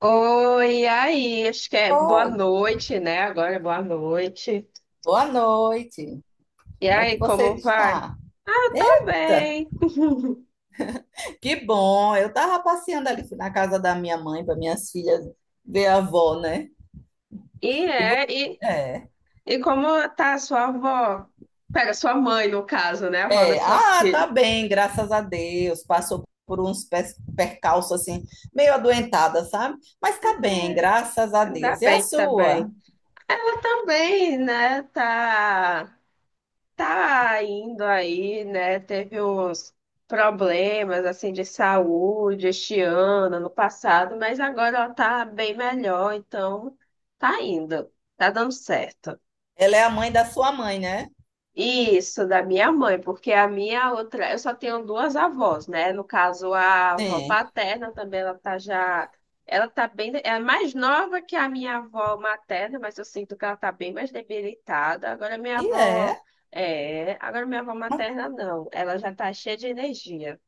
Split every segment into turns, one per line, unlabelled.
Oi, e aí, acho que é boa
Oi,
noite, né? Agora é boa noite.
boa noite.
E
Como é que
aí,
você
como vai?
está?
Ah, eu tô
Eita,
bem.
que bom. Eu estava passeando ali na casa da minha mãe para minhas filhas ver a avó, né?
E
E você?
é,
É,
como tá a sua avó? Pera, sua mãe, no caso, né? A avó
é.
das suas
Ah, tá
filhas.
bem, graças a Deus. Passou por uns percalços assim, meio adoentada, sabe? Mas tá bem, graças a
Ainda
Deus. E a
bem, tá
sua?
bem. Ela também, né? Tá tá indo aí, né? Teve uns problemas assim de saúde este ano, no passado, mas agora ela tá bem melhor, então tá indo, tá dando certo.
Ela é a mãe da sua mãe, né?
Isso, da minha mãe, porque a minha outra, eu só tenho duas avós, né? No caso, a avó
Sim.
paterna também, ela tá bem, é mais nova que a minha avó materna, mas eu sinto que ela tá bem mais debilitada. Agora minha
E
avó,
é.
é, agora minha avó materna não, ela já tá cheia de energia.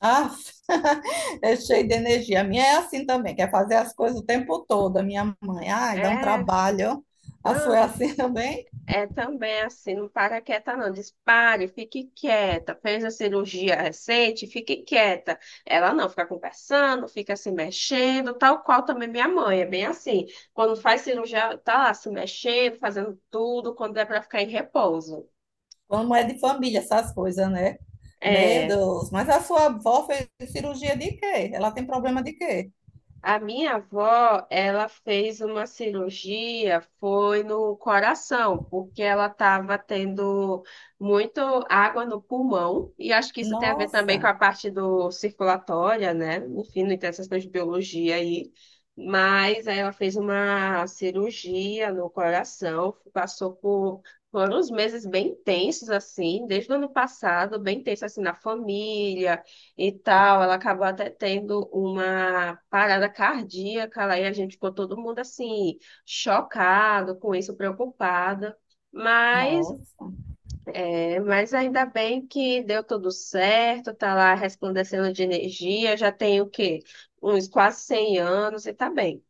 Ah, é cheio de energia. A minha é assim também, quer fazer as coisas o tempo todo. A minha mãe, ai, dá um
É,
trabalho. A sua é
pronto.
assim também?
É também assim, não para quieta não, diz pare, fique quieta, fez a cirurgia recente, fique quieta. Ela não, fica conversando, fica se mexendo, tal qual também minha mãe, é bem assim. Quando faz cirurgia, tá lá se mexendo, fazendo tudo, quando é para ficar em repouso.
Como é de família essas coisas, né? Meu
É.
Deus, mas a sua avó fez cirurgia de quê? Ela tem problema de quê?
A minha avó, ela fez uma cirurgia, foi no coração, porque ela estava tendo muito água no pulmão, e acho que isso tem a ver também com
Nossa,
a parte do circulatória, né? Enfim, não interessa essas coisas de biologia aí. Mas aí ela fez uma cirurgia no coração, passou por foram uns meses bem tensos, assim, desde o ano passado, bem tenso, assim, na família, e tal. Ela acabou até tendo uma parada cardíaca lá e a gente ficou todo mundo assim, chocado com isso, preocupada. Mas,
nossa,
mas ainda bem que deu tudo certo, tá lá resplandecendo de energia, já tem o quê? Uns quase 100 anos e tá bem.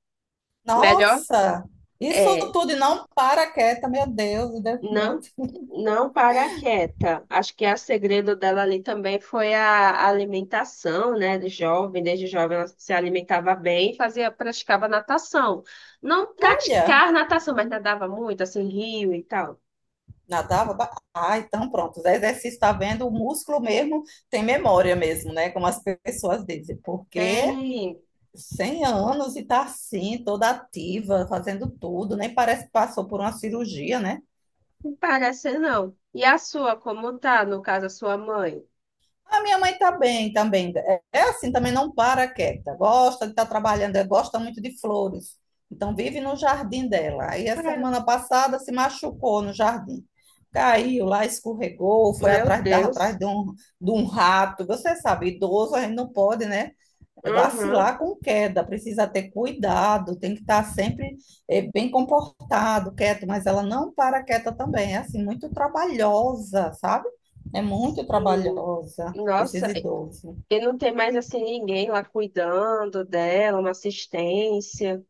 Melhor,
nossa. Isso
é,
tudo e não para quieta, meu Deus, meu
Não,
Deus.
não para quieta. Acho que a segredo dela ali também foi a alimentação, né? De jovem, desde jovem ela se alimentava bem e fazia, praticava natação. Não
Olha.
praticar natação, mas nadava muito, assim, rio e tal.
Nadava? Ah, então pronto. O exercício está vendo, o músculo mesmo tem memória mesmo, né? Como as pessoas dizem. Porque
Tem,
100 anos e tá assim, toda ativa, fazendo tudo, nem parece que passou por uma cirurgia, né?
não parece não. E a sua, como tá, no caso, a sua mãe?
A minha mãe tá bem também. É assim, também não para quieta. Gosta de estar trabalhando, gosta muito de flores. Então vive no jardim dela. Aí a
É,
semana passada se machucou no jardim. Caiu lá, escorregou, foi
meu
atrás,
Deus.
atrás de um rato. Você sabe, idoso a gente não pode, né? É
Uhum.
vacilar com queda, precisa ter cuidado, tem que estar sempre bem comportado, quieto, mas ela não para quieta também, é assim, muito trabalhosa, sabe? É muito
Sim.
trabalhosa esses
Nossa,
idosos.
e não tem mais assim ninguém lá cuidando dela, uma assistência.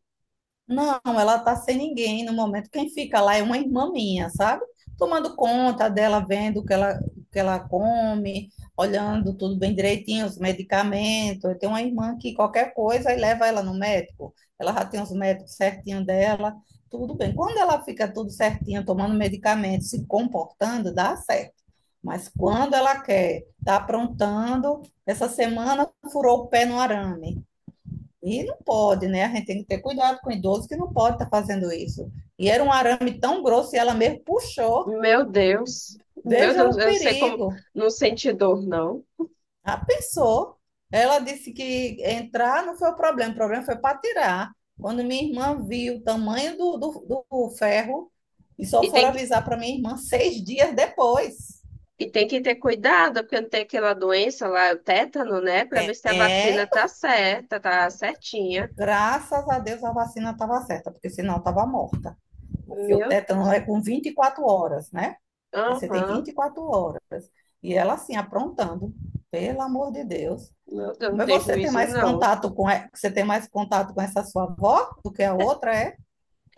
Não, ela tá sem ninguém no momento. Quem fica lá é uma irmã minha, sabe? Tomando conta dela, vendo o que ela come, olhando tudo bem direitinho, os medicamentos. Eu tenho uma irmã que qualquer coisa e leva ela no médico. Ela já tem os médicos certinho dela, tudo bem. Quando ela fica tudo certinho, tomando medicamento, se comportando, dá certo. Mas quando ela quer, tá aprontando, essa semana furou o pé no arame. E não pode, né? A gente tem que ter cuidado com o idoso que não pode estar fazendo isso. E era um arame tão grosso e ela mesmo puxou.
Meu Deus, meu
Veja
Deus,
o
eu sei como
perigo.
não sente dor, não.
Ah, pensou. Ela disse que entrar não foi o problema foi para tirar. Quando minha irmã viu o tamanho do ferro, e
E
só
tem,
foram
que-
avisar para minha irmã 6 dias depois.
e tem que ter cuidado, porque não tem aquela doença lá, o tétano, né? Pra ver se a vacina
É,
tá certa, tá certinha.
graças a Deus a vacina estava certa, porque senão estava morta. Porque o
Meu
tétano
Deus.
é com 24 horas, né? É, você tem
Aham.
24 horas. E ela, assim, aprontando, pelo amor de Deus.
Meu Deus, não
Mas
tem juízo, não.
você tem mais contato com essa sua avó do que a outra, é?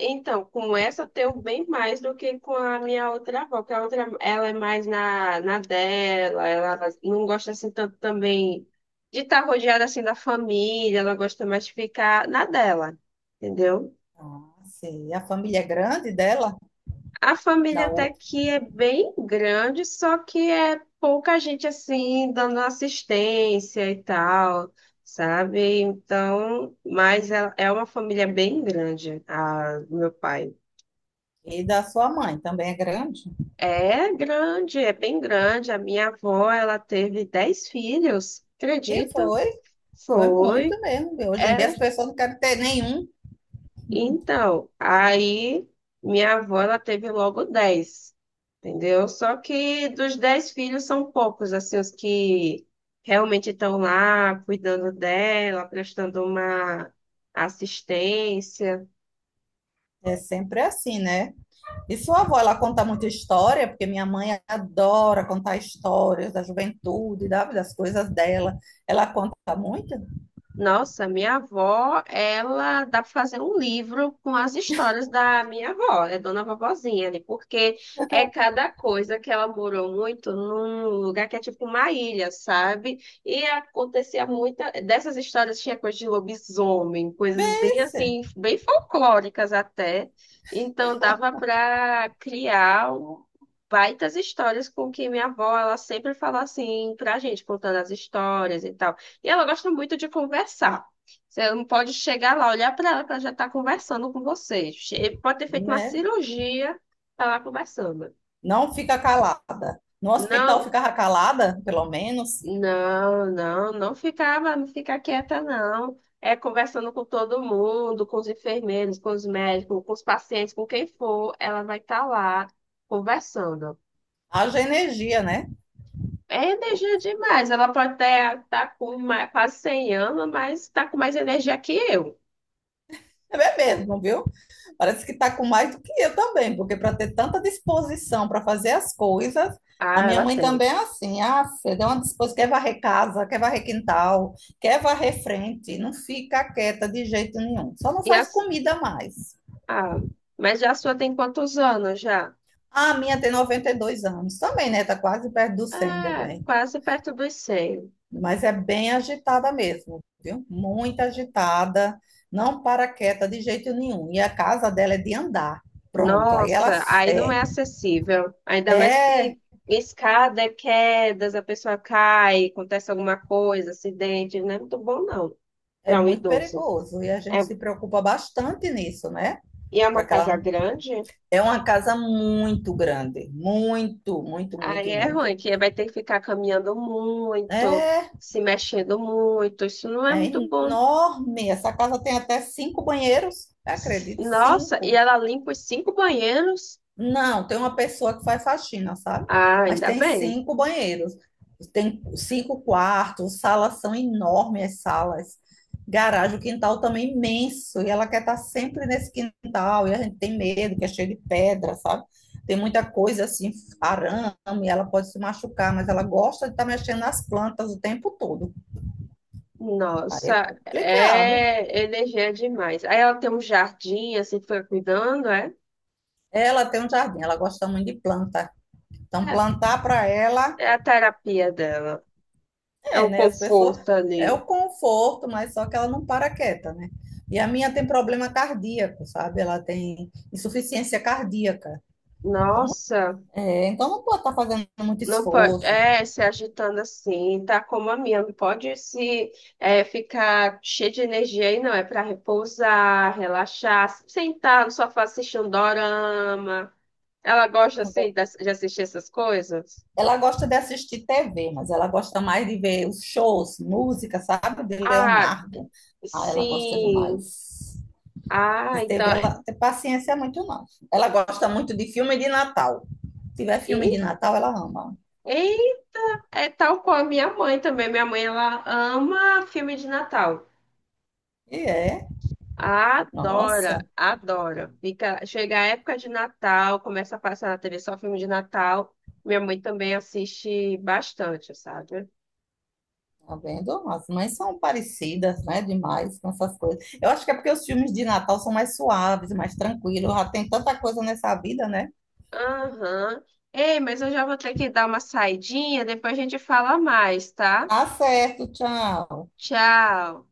Então, com essa eu tenho bem mais do que com a minha outra avó, que a outra, ela é mais na dela, ela não gosta assim tanto também de estar rodeada assim da família, ela gosta mais de ficar na dela, entendeu?
Ah, sei. A família é grande dela,
A família
da
até
outra,
que é bem grande, só que é pouca gente assim dando assistência e tal, sabe? Então, é uma família bem grande, a do meu pai.
e da sua mãe também é grande.
É grande, é bem grande. A minha avó, ela teve 10 filhos,
E
acredita?
foi,
Foi.
muito mesmo. Hoje em dia
É,
as pessoas não querem ter nenhum.
então, aí minha avó, ela teve logo 10, entendeu? Só que dos 10 filhos são poucos, assim, os que realmente estão lá cuidando dela, prestando uma assistência.
É sempre assim, né? E sua avó, ela conta muita história, porque minha mãe adora contar histórias da juventude, das coisas dela. Ela conta muito?
Nossa, minha avó, ela dá para fazer um livro com as histórias da minha avó, é Dona Vovozinha, ali, porque é cada coisa que ela morou muito num lugar que é tipo uma ilha, sabe? E acontecia muita dessas histórias, tinha coisa de lobisomem, coisas bem
Vence,
assim, bem folclóricas até. Então dava para criar um- baitas histórias com que minha avó, ela sempre fala assim pra gente, contando as histórias e tal. E ela gosta muito de conversar. Você não pode chegar lá, olhar para ela, que ela já está conversando com você. Pode ter feito uma
né?
cirurgia, tá lá conversando.
Não fica calada. No hospital
Não,
ficava calada, pelo menos.
não, não, não ficava, não fica quieta, não. É conversando com todo mundo, com os enfermeiros, com os médicos, com os pacientes, com quem for, ela vai estar lá conversando.
Haja energia, né?
É energia demais. Ela pode até estar com mais, quase 100 anos, mas está com mais energia que eu.
É mesmo, viu? Parece que tá com mais do que eu também, porque para ter tanta disposição para fazer as coisas, a
Ah,
minha
ela
mãe
tem.
também é assim, ah, você deu uma disposição, quer varrer casa, quer varrer quintal, quer varrer frente, não fica quieta de jeito nenhum, só não
E a
faz comida mais.
Ah, mas já a sua tem quantos anos já?
Ah, a minha tem 92 anos também, né? Tá quase perto do 100
Ah,
também.
quase perto dos 100.
Mas é bem agitada mesmo, viu? Muito agitada, não para quieta de jeito nenhum. E a casa dela é de andar. Pronto, aí ela
Nossa, aí não
é,
é acessível. Ainda mais
é,
que escada é quedas, a pessoa cai, acontece alguma coisa, acidente. Não é muito bom, não,
é
para um
muito
idoso.
perigoso e a gente
É,
se preocupa bastante nisso, né?
e é uma
Para que
casa
ela
grande,
é uma casa muito grande, muito, muito,
aí
muito,
é
muito.
ruim, que vai ter que ficar caminhando muito,
É,
se mexendo muito. Isso não é muito
é
bom.
enorme. Essa casa tem até cinco banheiros, acredito,
Nossa, e
cinco.
ela limpa os cinco banheiros?
Não, tem uma pessoa que faz faxina, sabe?
Ah,
Mas
ainda
tem
bem.
cinco banheiros, tem cinco quartos, salas são enormes, as salas. Garagem, o quintal também é imenso, e ela quer estar sempre nesse quintal, e a gente tem medo, que é cheio de pedra, sabe? Tem muita coisa assim, arame, ela pode se machucar, mas ela gosta de estar mexendo nas plantas o tempo todo. Aí é
Nossa,
complicado.
é energia demais. Aí ela tem um jardim, assim, fica cuidando, é?
Ela tem um jardim, ela gosta muito de planta. Então,
É,
plantar para ela
é a terapia dela. É
é,
o
né? As pessoas.
conforto
É
ali.
o conforto, mas só que ela não para quieta, né? E a minha tem problema cardíaco, sabe? Ela tem insuficiência cardíaca. Então,
Nossa,
é, então não pode estar fazendo muito
não pode.
esforço.
É, se agitando assim, tá como a minha. Não pode se é, ficar cheio de energia aí, não. É para repousar, relaxar, sentar no sofá assistir um dorama. Ela gosta,
Não pode-
assim, de assistir essas coisas?
Ela gosta de assistir TV, mas ela gosta mais de ver os shows, música, sabe? De
Ah,
Leonardo. Ah, ela gosta
sim.
demais.
Ah,
Mas
então.
TV, ela tem paciência é muito não. Ela gosta muito de filme de Natal. Se tiver filme de Natal, ela ama.
E é tal qual a minha mãe também. Minha mãe, ela ama filme de Natal.
E é.
Adora,
Nossa.
adora. Fica, chega a época de Natal, começa a passar na TV só filme de Natal. Minha mãe também assiste bastante, sabe?
Tá vendo? As mães são parecidas, né? Demais com essas coisas. Eu acho que é porque os filmes de Natal são mais suaves, mais tranquilos. Já tem tanta coisa nessa vida, né?
Aham. Ei, mas eu já vou ter que dar uma saidinha, depois a gente fala mais, tá?
Tá certo, tchau.
Tchau.